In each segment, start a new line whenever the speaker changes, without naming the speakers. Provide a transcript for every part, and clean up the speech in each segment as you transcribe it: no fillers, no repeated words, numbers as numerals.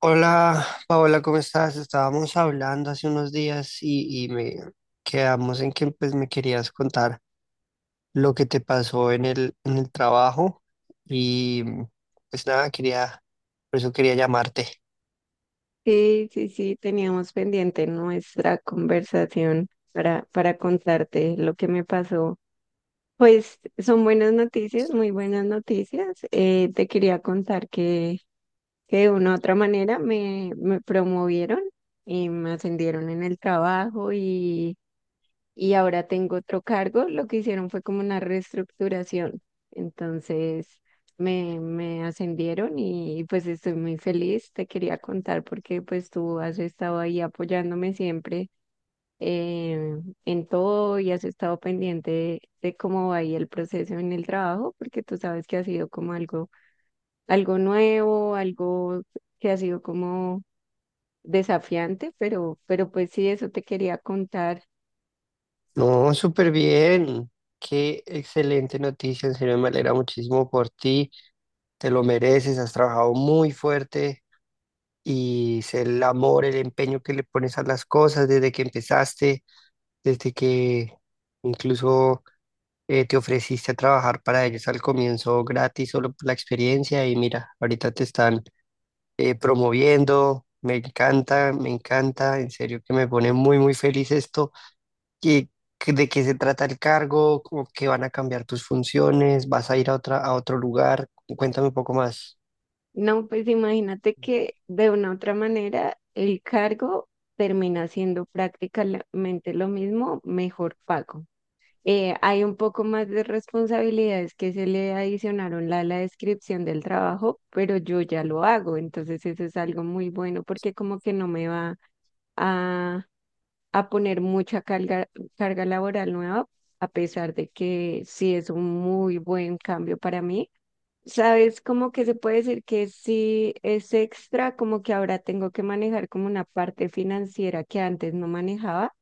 Hola, Paola, ¿cómo estás? Estábamos hablando hace unos días y me quedamos en que pues, me querías contar lo que te pasó en el trabajo y pues nada, por eso quería llamarte.
Sí, sí, sí, teníamos pendiente nuestra conversación para contarte lo que me pasó. Pues son buenas noticias, muy buenas noticias. Te quería contar que de una u otra manera me promovieron y me ascendieron en el trabajo, y ahora tengo otro cargo. Lo que hicieron fue como una reestructuración. Entonces me ascendieron y pues estoy muy feliz. Te quería contar porque pues tú has estado ahí apoyándome siempre eh, en todo y has estado pendiente de cómo va ahí el proceso en el trabajo, porque tú sabes que ha sido como algo, algo nuevo, algo que ha sido como desafiante, pero pues sí, eso te quería contar.
No, súper bien, qué excelente noticia, en serio me alegra muchísimo por ti, te lo mereces, has trabajado muy fuerte y sé el amor, el empeño que le pones a las cosas desde que empezaste, desde que incluso te ofreciste a trabajar para ellos al comienzo gratis solo por la experiencia y mira, ahorita te están promoviendo, me encanta, en serio que me pone muy, muy feliz esto. ¿Y de qué se trata el cargo? ¿Cómo que van a cambiar tus funciones? ¿Vas a ir a otra, a otro lugar? Cuéntame un poco más.
No, pues imagínate que de una u otra manera el cargo termina siendo prácticamente lo mismo, mejor pago. Hay un poco más de responsabilidades que se le adicionaron a la descripción del trabajo, pero yo ya lo hago, entonces eso es algo muy bueno porque como que no me va a, a poner mucha carga, carga laboral nueva, a pesar de que sí es un muy buen cambio para mí. Sabes, como que se puede decir que sí es extra, como que ahora tengo que manejar como una parte financiera que antes no manejaba.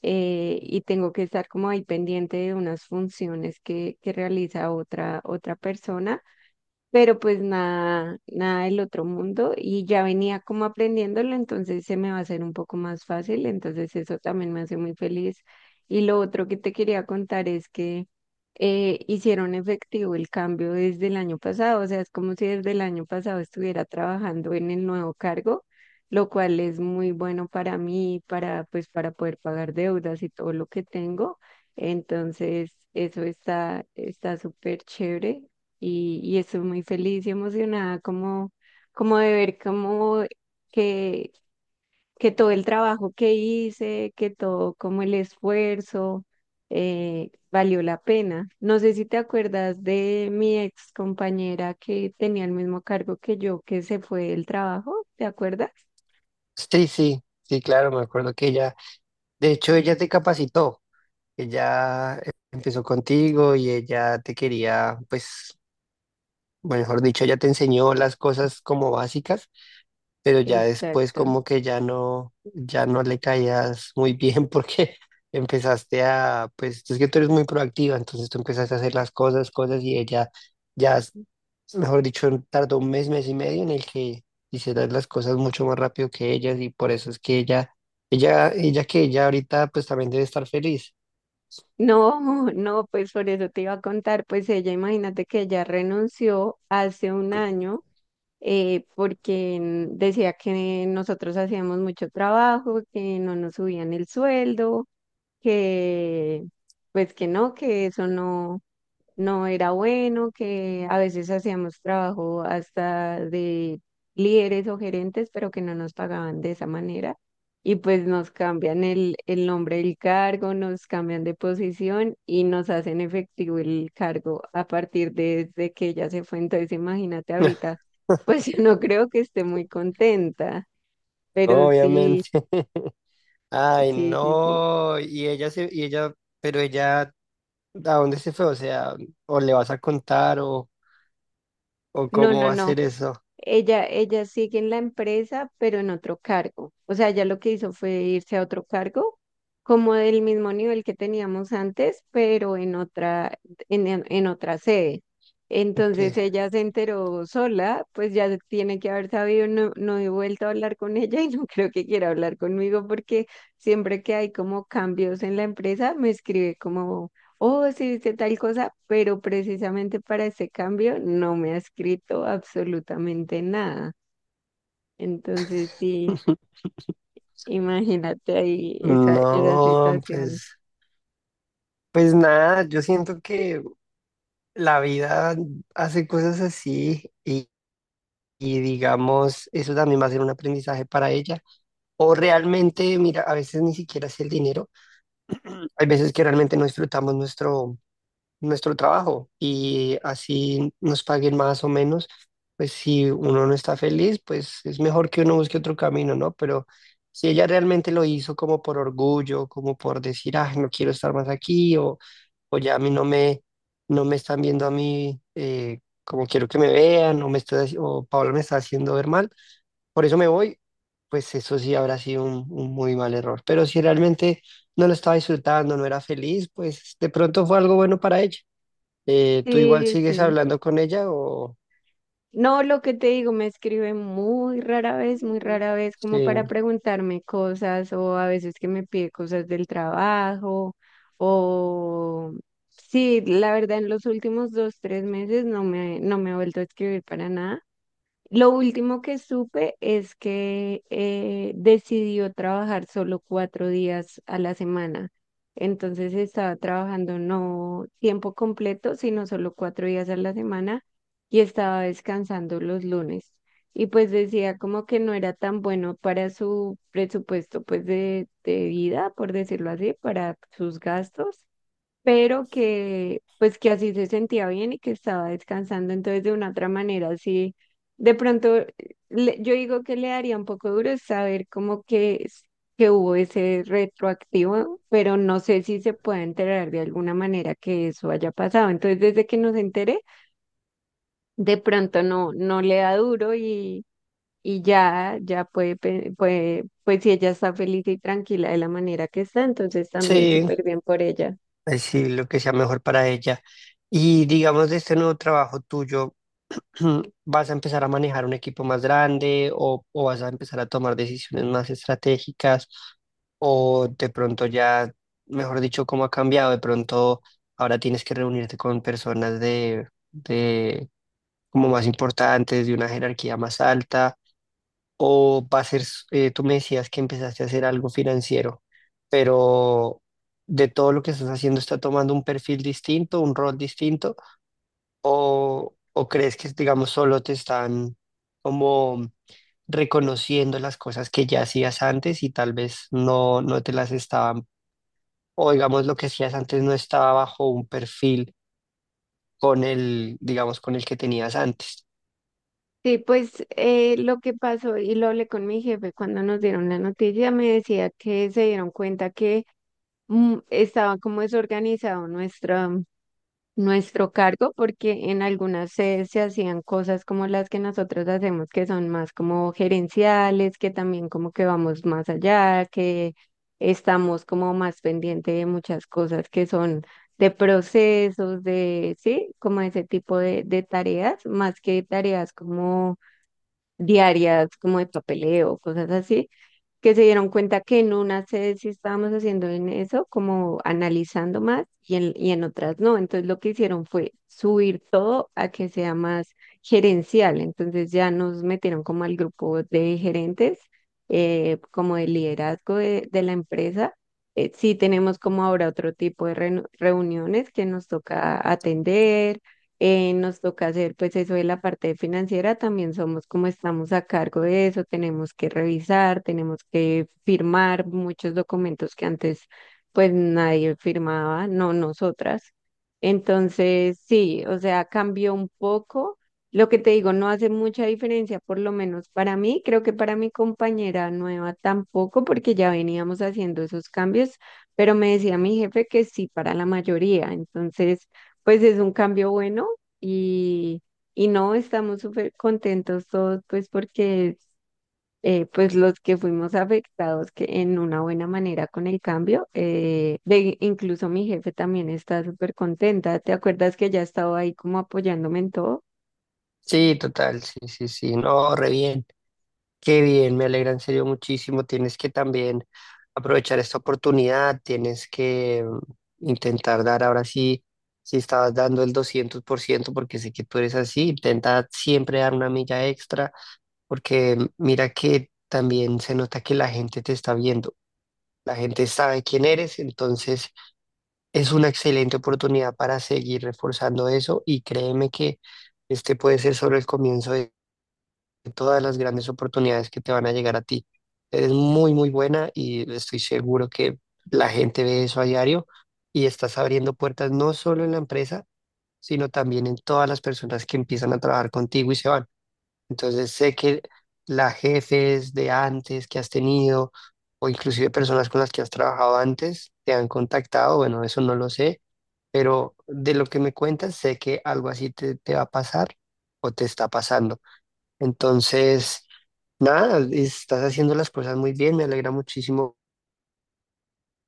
Y tengo que estar como ahí pendiente de unas funciones que realiza otra persona, pero pues nada, nada del otro mundo, y ya venía como aprendiéndolo, entonces se me va a hacer un poco más fácil, entonces eso también me hace muy feliz. Y lo otro que te quería contar es que hicieron efectivo el cambio desde el año pasado, o sea, es como si desde el año pasado estuviera trabajando en el nuevo cargo, lo cual es muy bueno para mí, para pues para poder pagar deudas y todo lo que tengo. Entonces, eso está súper chévere y estoy muy feliz y emocionada como, como de ver como que, que todo el trabajo que hice, que todo como el esfuerzo valió la pena. No sé si te acuerdas de mi ex compañera que tenía el mismo cargo que yo, que se fue del trabajo, ¿te acuerdas?
Sí, sí, sí, claro, me acuerdo que ella, de hecho, ella te capacitó, ella empezó contigo y ella te quería, pues mejor dicho, ya te enseñó las cosas como básicas, pero ya después
Exacto.
como que ya no, ya no le caías muy bien porque empezaste pues es que tú eres muy proactiva, entonces tú empezaste a hacer las cosas, cosas y ella ya, mejor dicho, tardó un mes, mes y medio en el que hicieras las cosas mucho más rápido que ellas y por eso es que ella, ella que ella ahorita pues también debe estar feliz.
No, no, pues por eso te iba a contar, pues ella, imagínate que ella renunció hace un año porque decía que nosotros hacíamos mucho trabajo, que no nos subían el sueldo, que pues que no, que eso no era bueno, que a veces hacíamos trabajo hasta de líderes o gerentes, pero que no nos pagaban de esa manera. Y pues nos cambian el nombre del cargo, nos cambian de posición y nos hacen efectivo el cargo a partir de que ella se fue. Entonces, imagínate ahorita, pues yo no creo que esté muy contenta, pero sí,
Obviamente. Ay,
sí, sí, sí.
no. Y ella se, y ella, pero ella ¿a dónde se fue? O sea, o le vas a contar o
No,
cómo
no,
va a
no.
ser eso.
Ella sigue en la empresa, pero en otro cargo. O sea, ella lo que hizo fue irse a otro cargo, como del mismo nivel que teníamos antes, pero en otra, en otra sede.
Que
Entonces ella se enteró sola, pues ya se tiene que haber sabido, no, no he vuelto a hablar con ella y no creo que quiera hablar conmigo porque siempre que hay como cambios en la empresa me escribe como oh, sí, hice tal cosa, pero precisamente para ese cambio no me ha escrito absolutamente nada. Entonces, sí, imagínate ahí esa, esa
No,
situación.
pues, pues nada, yo siento que la vida hace cosas así y digamos, eso también va a ser un aprendizaje para ella. O realmente, mira, a veces ni siquiera es el dinero, hay veces que realmente no disfrutamos nuestro, nuestro trabajo y así nos paguen más o menos, pues si uno no está feliz, pues es mejor que uno busque otro camino, ¿no? Pero si ella realmente lo hizo como por orgullo, como por decir, ah, no quiero estar más aquí o ya a mí no me, no me están viendo a mí como quiero que me vean o, me está, o Paola me está haciendo ver mal, por eso me voy, pues eso sí habrá sido un muy mal error. Pero si realmente... no lo estaba disfrutando, no era feliz, pues de pronto fue algo bueno para ella. ¿Tú igual
Sí,
sigues
sí.
hablando con ella o...?
No, lo que te digo, me escribe muy rara vez,
Sí,
como para preguntarme cosas o a veces que me pide cosas del trabajo o... Sí, la verdad en los últimos dos, tres meses no me, no me ha vuelto a escribir para nada. Lo último que supe es que decidió trabajar solo cuatro días a la semana. Entonces estaba trabajando no tiempo completo, sino solo cuatro días a la semana, y estaba descansando los lunes. Y pues decía como que no era tan bueno para su presupuesto pues de vida, por decirlo así, para sus gastos, pero que pues que así se sentía bien y que estaba descansando, entonces de una otra manera, así de pronto yo digo que le daría un poco duro es saber como que, que hubo ese retroactivo, pero no sé si se puede enterar de alguna manera que eso haya pasado, entonces desde que nos enteré, de pronto no, no le da duro y... Y ya, ya puede, puede, pues si ella está feliz y tranquila de la manera que está, entonces también
sí,
súper bien por ella.
pues sí, lo que sea mejor para ella. Y digamos, de este nuevo trabajo tuyo, ¿vas a empezar a manejar un equipo más grande o vas a empezar a tomar decisiones más estratégicas? O de pronto ya, mejor dicho, cómo ha cambiado, de pronto ahora tienes que reunirte con personas de como más importantes, de una jerarquía más alta. O para hacer, tú me decías que empezaste a hacer algo financiero, pero de todo lo que estás haciendo está tomando un perfil distinto, un rol distinto, o crees que, digamos, solo te están como reconociendo las cosas que ya hacías antes y tal vez no te las estaban, o digamos, lo que hacías antes no estaba bajo un perfil con el, digamos, con el que tenías antes.
Sí, pues lo que pasó, y lo hablé con mi jefe cuando nos dieron la noticia, me decía que se dieron cuenta que mm, estaba como desorganizado nuestro cargo, porque en algunas sedes se hacían cosas como las que nosotros hacemos, que son más como gerenciales, que también como que vamos más allá, que estamos como más pendiente de muchas cosas que son de procesos, de, sí, como ese tipo de tareas, más que tareas como diarias como de papeleo, cosas así, que se dieron cuenta que en unas sedes sí estábamos haciendo en eso, como analizando más y en otras no. Entonces lo que hicieron fue subir todo a que sea más gerencial. Entonces ya nos metieron como al grupo de gerentes, como de liderazgo de la empresa. Sí tenemos como ahora otro tipo de reuniones que nos toca atender. Nos toca hacer pues eso de la parte financiera, también somos como estamos a cargo de eso, tenemos que revisar, tenemos que firmar muchos documentos que antes pues nadie firmaba, no nosotras. Entonces, sí, o sea, cambió un poco. Lo que te digo, no hace mucha diferencia, por lo menos para mí, creo que para mi compañera nueva tampoco, porque ya veníamos haciendo esos cambios, pero me decía mi jefe que sí para la mayoría. Entonces, pues es un cambio bueno y, y no, estamos súper contentos todos, pues porque pues los que fuimos afectados que en una buena manera con el cambio, de, incluso mi jefe también está súper contenta. ¿Te acuerdas que ya estaba ahí como apoyándome en todo?
Sí, total, sí, sí, sí, no, re bien. Qué bien, me alegra en serio muchísimo. Tienes que también aprovechar esta oportunidad, tienes que intentar dar ahora sí, si estabas dando el 200%, porque sé que tú eres así, intenta siempre dar una milla extra, porque mira que también se nota que la gente te está viendo, la gente sabe quién eres, entonces es una excelente oportunidad para seguir reforzando eso y créeme que este puede ser solo el comienzo de todas las grandes oportunidades que te van a llegar a ti. Eres muy, muy buena y estoy seguro que la gente ve eso a diario y estás abriendo puertas no solo en la empresa, sino también en todas las personas que empiezan a trabajar contigo y se van. Entonces sé que las jefes de antes que has tenido o inclusive personas con las que has trabajado antes te han contactado, bueno, eso no lo sé, pero de lo que me cuentas sé que algo así te, te va a pasar o te está pasando. Entonces... nada, estás haciendo las cosas muy bien, me alegra muchísimo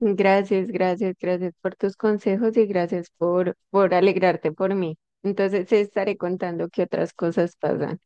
Gracias, gracias, gracias por tus consejos y gracias por alegrarte por mí. Entonces, te estaré contando qué otras cosas pasan.